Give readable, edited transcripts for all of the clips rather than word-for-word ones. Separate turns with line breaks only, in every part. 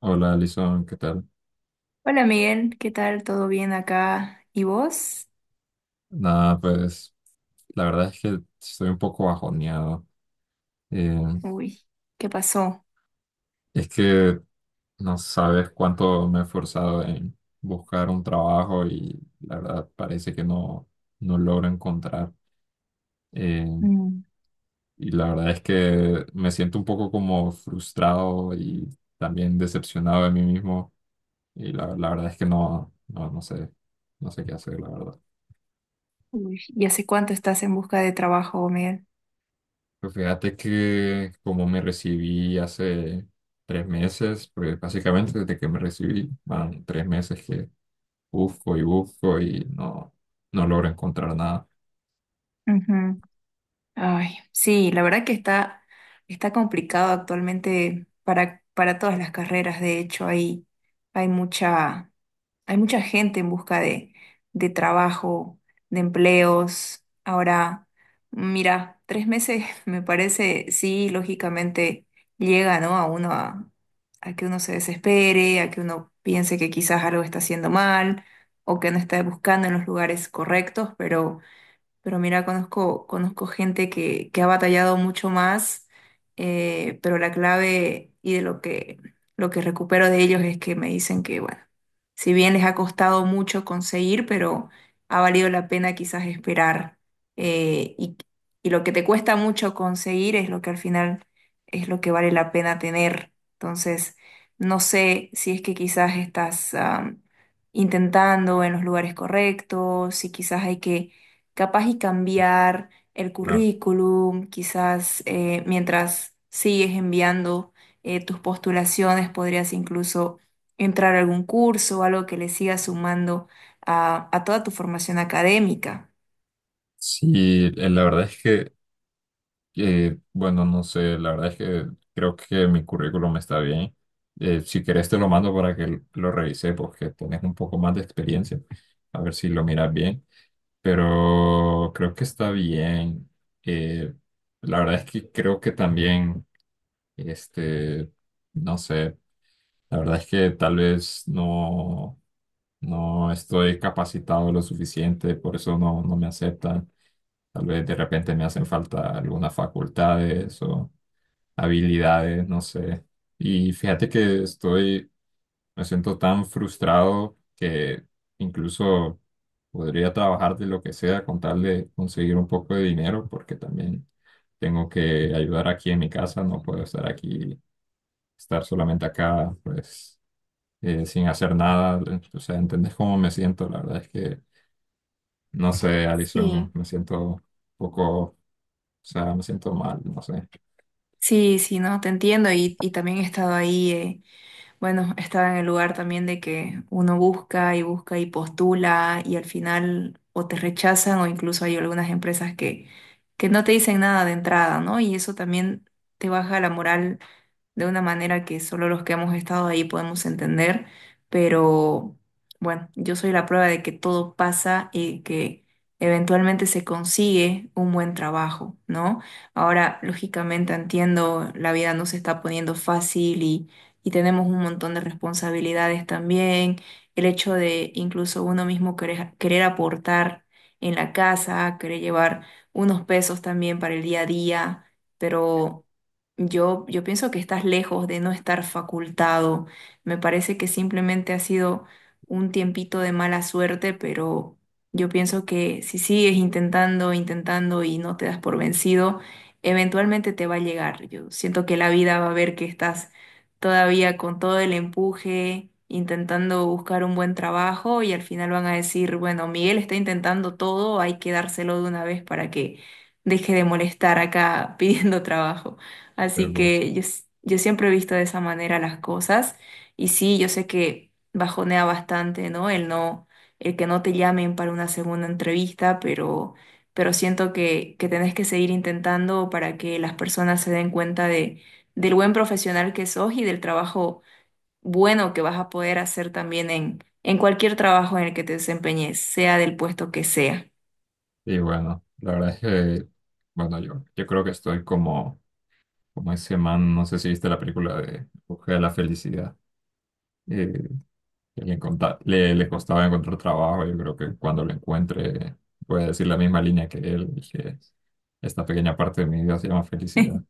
Hola, Alison, ¿qué tal?
Hola Miguel, ¿qué tal? ¿Todo bien acá? ¿Y vos?
Nada, pues la verdad es que estoy un poco bajoneado. Eh,
Uy, ¿qué pasó?
es que no sabes cuánto me he esforzado en buscar un trabajo y la verdad parece que no logro encontrar. Eh,
Mm,
y la verdad es que me siento un poco como frustrado y también decepcionado de mí mismo. Y la verdad es que no sé, no sé qué hacer, la verdad.
uy, ¿y hace cuánto estás en busca de trabajo, Miguel?
Pues fíjate que como me recibí hace 3 meses, pues básicamente desde que me recibí, van 3 meses que busco y busco y no logro encontrar nada.
Ujú. Ay, sí, la verdad que está complicado actualmente para todas las carreras. De hecho, hay mucha, Hay mucha gente en busca de trabajo, de empleos. Ahora, mira, 3 meses me parece, sí, lógicamente llega, ¿no? A uno a que uno se desespere, a que uno piense que quizás algo está haciendo mal o que no está buscando en los lugares correctos, pero mira, conozco gente que ha batallado mucho más, pero la clave y de lo que recupero de ellos es que me dicen que, bueno, si bien les ha costado mucho conseguir, pero ha valido la pena quizás esperar. eh, y, y lo que te cuesta mucho conseguir es lo que al final es lo que vale la pena tener. Entonces, no sé si es que quizás estás, intentando en los lugares correctos, si quizás hay que capaz y cambiar el
Claro.
currículum, quizás mientras sigues enviando tus postulaciones, podrías incluso entrar a algún curso o algo que le siga sumando a toda tu formación académica.
Sí, la verdad es que bueno, no sé, la verdad es que creo que mi currículum está bien. Si quieres te lo mando para que lo revise porque tienes un poco más de experiencia. A ver si lo miras bien. Pero creo que está bien. Eh, la verdad es que creo que también... Este, no sé, la verdad es que tal vez no estoy capacitado lo suficiente, por eso no me aceptan. Tal vez de repente me hacen falta algunas facultades o habilidades, no sé. Y me siento tan frustrado que incluso podría trabajar de lo que sea con tal de conseguir un poco de dinero, porque también tengo que ayudar aquí en mi casa, no puedo estar solamente acá, pues, sin hacer nada, o sea, ¿entendés cómo me siento? La verdad es que, no sé, Alison,
Sí,
me siento un poco, o sea, me siento mal, no sé.
sí, sí, no, te entiendo y también he estado ahí. Bueno, estaba en el lugar también de que uno busca y busca y postula y al final o te rechazan o incluso hay algunas empresas que no te dicen nada de entrada, ¿no? Y eso también te baja la moral de una manera que solo los que hemos estado ahí podemos entender, pero bueno, yo soy la prueba de que todo pasa y que eventualmente se consigue un buen trabajo, ¿no? Ahora, lógicamente entiendo, la vida no se está poniendo fácil y tenemos un montón de responsabilidades también, el hecho de incluso uno mismo querer, querer aportar en la casa, querer llevar unos pesos también para el día a día, pero. Yo pienso que estás lejos de no estar facultado. Me parece que simplemente ha sido un tiempito de mala suerte, pero yo pienso que si sigues intentando, intentando y no te das por vencido, eventualmente te va a llegar. Yo siento que la vida va a ver que estás todavía con todo el empuje, intentando buscar un buen trabajo y al final van a decir, bueno, Miguel está intentando todo, hay que dárselo de una vez para que deje de molestar acá pidiendo trabajo. Así
Pero,
que yo, yo siempre he visto de esa manera las cosas y sí, yo sé que bajonea bastante, ¿no? El no, el que no te llamen para una segunda entrevista, pero siento que tenés que seguir intentando para que las personas se den cuenta del buen profesional que sos y del trabajo bueno que vas a poder hacer también en cualquier trabajo en el que te desempeñes, sea del puesto que sea.
y bueno, la verdad es que, bueno, yo creo que estoy como, como ese man, no sé si viste la película de En Busca de la Felicidad. eh, que le costaba encontrar trabajo. Yo creo que cuando lo encuentre voy a decir la misma línea que él, y que esta pequeña parte de mi vida se llama felicidad.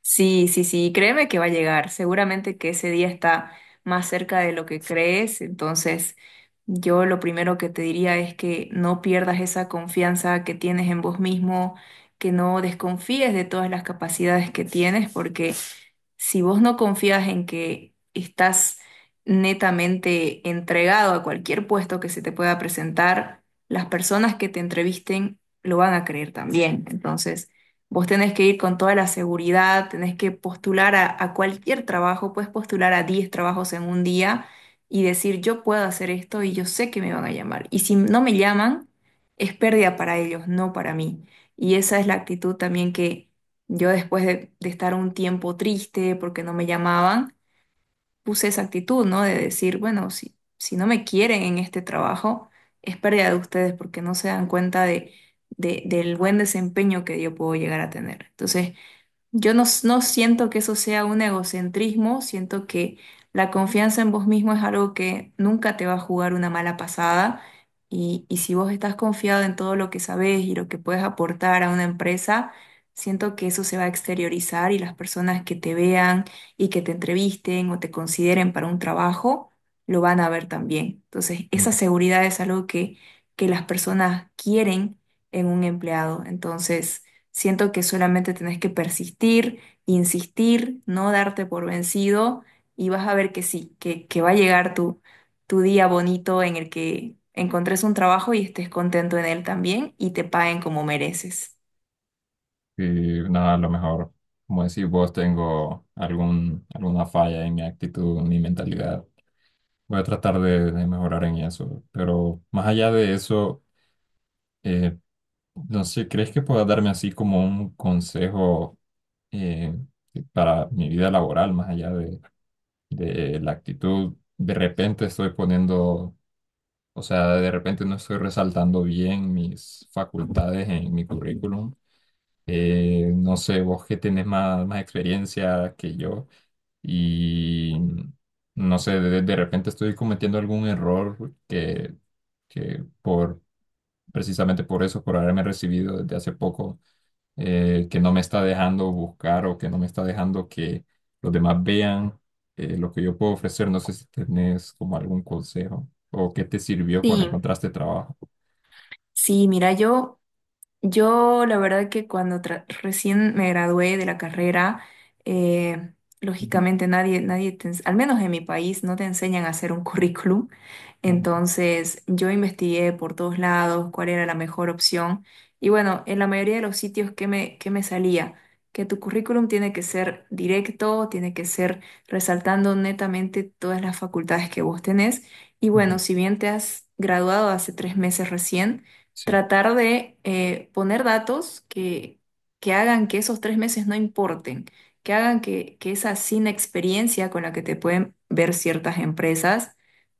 Sí, sí, sí, créeme que va a llegar. Seguramente que ese día está más cerca de lo que crees. Entonces, yo lo primero que te diría es que no pierdas esa confianza que tienes en vos mismo, que no desconfíes de todas las capacidades que tienes, porque si vos no confías en que estás netamente entregado a cualquier puesto que se te pueda presentar, las personas que te entrevisten lo van a creer también. Entonces, vos tenés que ir con toda la seguridad, tenés que postular a cualquier trabajo, puedes postular a 10 trabajos en un día y decir, yo puedo hacer esto y yo sé que me van a llamar. Y si no me llaman, es pérdida para ellos, no para mí. Y esa es la actitud también que yo después de estar un tiempo triste porque no me llamaban, puse esa actitud, ¿no? De decir, bueno, si no me quieren en este trabajo, es pérdida de ustedes porque no se dan cuenta del buen desempeño que yo puedo llegar a tener. Entonces, yo no, no siento que eso sea un egocentrismo, siento que la confianza en vos mismo es algo que nunca te va a jugar una mala pasada y si vos estás confiado en todo lo que sabés y lo que puedes aportar a una empresa, siento que eso se va a exteriorizar y las personas que te vean y que te entrevisten o te consideren para un trabajo, lo van a ver también. Entonces,
Y
esa seguridad es algo que las personas quieren en un empleado. Entonces. Siento que solamente tenés que persistir, insistir, no darte por vencido y vas a ver que sí, que va a llegar tu día bonito en el que encontres un trabajo y estés contento en él también y te paguen como mereces.
nada, a lo mejor, como decís vos, tengo alguna falla en mi actitud, en mi mentalidad. Voy a tratar de mejorar en eso. Pero más allá de eso, eh, no sé, ¿crees que puedas darme así como un consejo eh, para mi vida laboral, más allá de la actitud? De repente estoy poniendo, o sea, de repente no estoy resaltando bien mis facultades en mi currículum. No sé, vos que tenés más experiencia que yo y no sé, de repente estoy cometiendo algún error que por, precisamente por eso, por haberme recibido desde hace poco, que no me está dejando buscar o que no me está dejando que los demás vean lo que yo puedo ofrecer. No sé si tenés como algún consejo o qué te sirvió cuando
Sí,
encontraste trabajo.
sí, mira, yo la verdad que cuando recién me gradué de la carrera, eh,
Ujú,
lógicamente nadie al menos en mi país, no te enseñan a hacer un currículum.
ajá,
Entonces yo investigué por todos lados cuál era la mejor opción y bueno, en la mayoría de los sitios que me salía, que tu currículum tiene que ser directo, tiene que ser resaltando netamente todas las facultades que vos tenés y bueno,
ujú,
si bien te has graduado hace 3 meses recién,
sí,
tratar de poner datos que hagan que esos 3 meses no importen, que hagan que esa sin experiencia con la que te pueden ver ciertas empresas,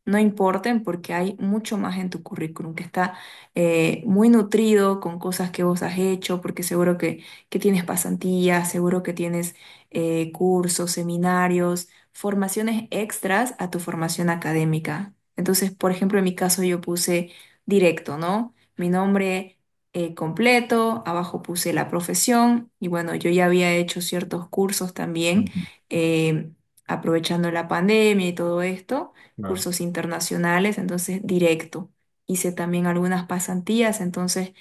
no importen porque hay mucho más en tu currículum que está muy nutrido con cosas que vos has hecho, porque seguro que tienes pasantías, seguro que tienes cursos, seminarios, formaciones extras a tu formación académica. Entonces, por ejemplo, en mi caso yo puse directo, ¿no? Mi nombre completo, abajo puse la profesión y bueno, yo ya había hecho ciertos cursos también,
ujú,
eh, aprovechando la pandemia y todo esto
claro.
cursos internacionales, entonces directo. Hice también algunas pasantías, entonces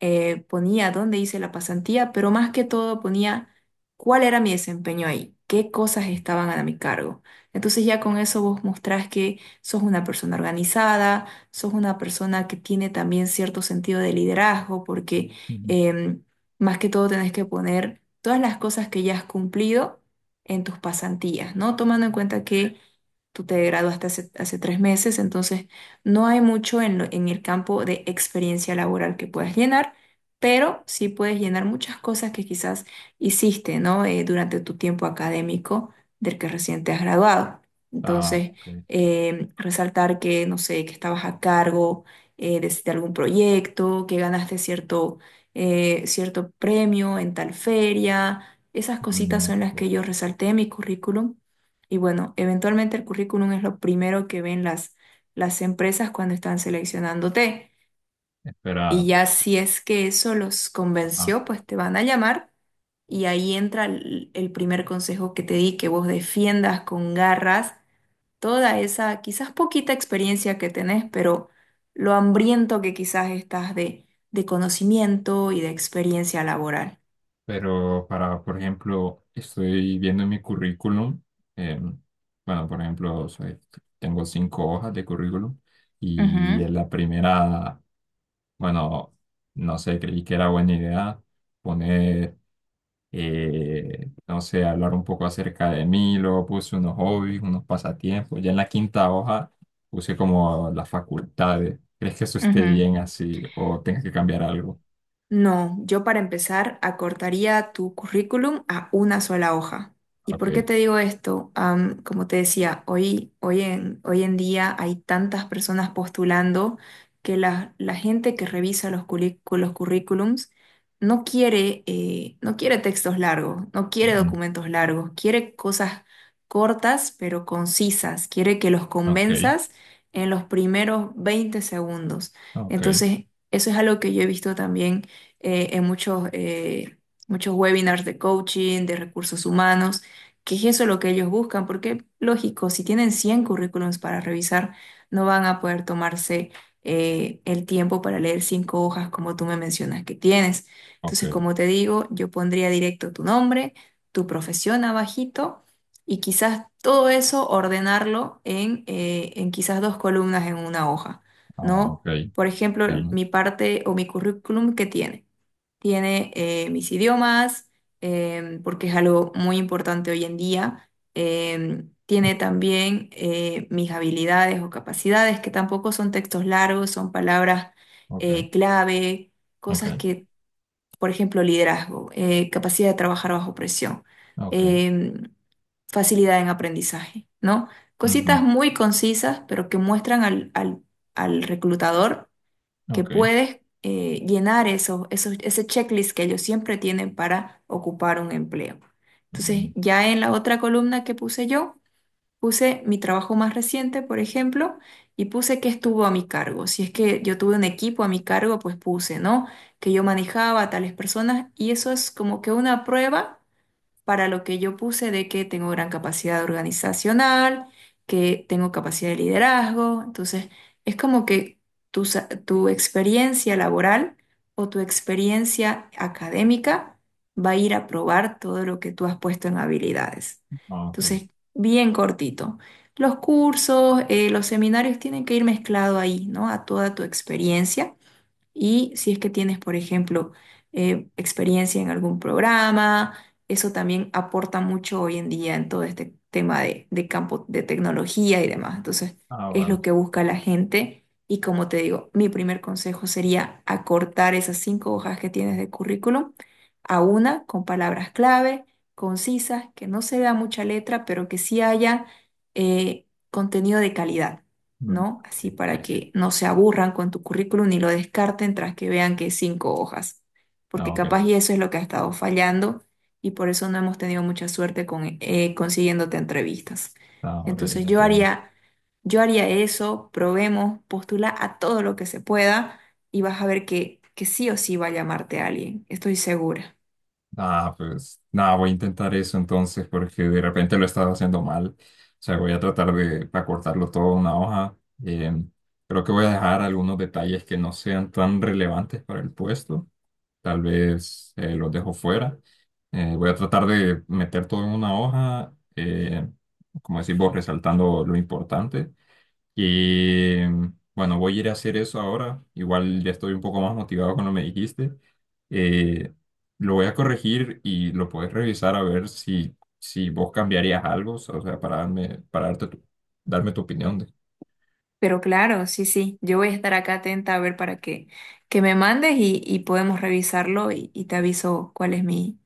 ponía dónde hice la pasantía, pero más que todo ponía cuál era mi desempeño ahí, qué cosas estaban a mi cargo. Entonces ya con eso vos mostrás que sos una persona organizada, sos una persona que tiene también cierto sentido de liderazgo, porque
Ujú.
em, más que todo tenés que poner todas las cosas que ya has cumplido en tus pasantías, ¿no? Tomando en cuenta que tú te graduaste hace 3 meses, entonces no hay mucho en el campo de experiencia laboral que puedas llenar, pero sí puedes llenar muchas cosas que quizás hiciste, ¿no? Durante tu tiempo académico del que recién te has graduado.
Ah,
Entonces,
ok.
resaltar que, no sé, que estabas a cargo de algún proyecto, que ganaste cierto premio en tal feria. Esas cositas
Mm,
son las que yo resalté en mi currículum y bueno, eventualmente el currículum es lo primero que ven las empresas cuando están seleccionándote. Y
esperada.
ya si es que eso los
Ajá.
convenció, pues te van a llamar y ahí entra el primer consejo que te di, que vos defiendas con garras toda esa quizás poquita experiencia que tenés, pero lo hambriento que quizás estás de conocimiento y de experiencia laboral.
Pero para, por ejemplo, estoy viendo en mi currículum, em, bueno, por ejemplo, tengo 5 hojas de currículum
Ujú,
y en la primera, bueno, no sé, creí que era buena idea poner, no sé, hablar un poco acerca de mí, luego puse unos hobbies, unos pasatiempos, ya en la 5.ª hoja puse como las facultades. ¿Crees que eso esté
ujú.
bien así o tengas que cambiar algo?
No, yo para empezar acortaría tu currículum a una sola hoja. ¿Y por qué
Ok.
te digo esto? Como te decía, hoy en día hay tantas personas postulando que la gente que revisa los currículums no quiere, no quiere textos largos, no quiere
Ujú,
documentos largos, quiere cosas cortas pero concisas, quiere que los
ok.
convenzas en los primeros 20 segundos.
Ok.
Entonces, eso es algo que yo he visto también en muchos webinars de coaching, de recursos humanos, que es eso lo que ellos buscan, porque lógico, si tienen 100 currículums para revisar, no van a poder tomarse el tiempo para leer cinco hojas como tú me mencionas que tienes.
Ok.
Entonces, como te digo, yo pondría directo tu nombre, tu profesión abajito y quizás todo eso ordenarlo en quizás dos columnas en una hoja,
Ah,
¿no?
ok.
Por ejemplo,
Entiendo.
mi parte o mi currículum que tiene tiene mis idiomas, porque es algo muy importante hoy en día. Tiene también mis habilidades o capacidades, que tampoco son textos largos, son palabras
Ok.
clave,
Ok.
cosas que, por ejemplo, liderazgo, capacidad de trabajar bajo presión,
Ok.
em, facilidad en aprendizaje, ¿no?
Ujú,
Cositas muy concisas, pero que muestran al reclutador que
ok.
puedes llenar ese checklist que ellos siempre tienen para ocupar un empleo.
Ujú,
Entonces, ya en la otra columna que puse yo, puse mi trabajo más reciente, por ejemplo, y puse qué estuvo a mi cargo. Si es que yo tuve un equipo a mi cargo, pues puse, ¿no? Que yo manejaba a tales personas y eso es como que una prueba para lo que yo puse de que tengo gran capacidad organizacional, que tengo capacidad de liderazgo. Entonces, es como que tu experiencia laboral o tu experiencia académica va a ir a probar todo lo que tú has puesto en habilidades.
ah, ok.
Entonces, bien cortito. Los cursos, los seminarios tienen que ir mezclado ahí, ¿no? A toda tu experiencia y si es que tienes, por ejemplo, experiencia en algún programa, eso también aporta mucho hoy en día en todo este tema de campo de tecnología y demás. Entonces,
Ah,
es
vale.
lo que busca la gente. Y como te digo, mi primer consejo sería acortar esas cinco hojas que tienes de currículum a una con palabras clave, concisas, que no se vea mucha letra, pero que sí haya contenido de calidad.
Mm,
¿No?
sí,
Así
sí,
para
sí.
que no se aburran con tu currículum ni lo descarten tras que vean que es cinco hojas, porque
Ah,
capaz
ok.
y eso es lo que ha estado fallando y por eso no hemos tenido mucha suerte con consiguiéndote entrevistas.
Ah, ok.
Entonces
Entiendo.
yo haría eso, probemos, postula a todo lo que se pueda y vas a ver que sí o sí va a llamarte alguien, estoy segura.
Ah, pues nada, voy a intentar eso entonces porque de repente lo he estado haciendo mal. O sea, voy a tratar de acortarlo todo a una hoja. em, Creo que voy a dejar algunos detalles que no sean tan relevantes para el puesto. Tal vez los dejo fuera. Voy a tratar de meter todo en una hoja, como decís vos, resaltando lo importante. Y bueno, voy a ir a hacer eso ahora. Igual ya estoy un poco más motivado con lo que me dijiste. Eh, lo voy a corregir y lo puedes revisar a ver si vos cambiarías algo, o sea, para darme tu opinión. De...
Pero claro, sí, sí, yo voy a estar acá atenta a ver para que me mandes y podemos revisarlo y te aviso cuál es mi,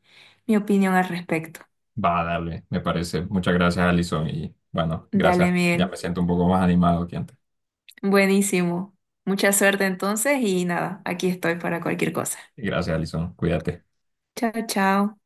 mi opinión al respecto.
Va, dale, me parece. Muchas gracias, Alison. Y bueno,
Dale,
gracias. Ya me
Miguel.
siento un poco más animado que antes.
Buenísimo. Mucha suerte entonces y nada, aquí estoy para cualquier cosa.
Gracias, Alison. Cuídate.
Chao, chao.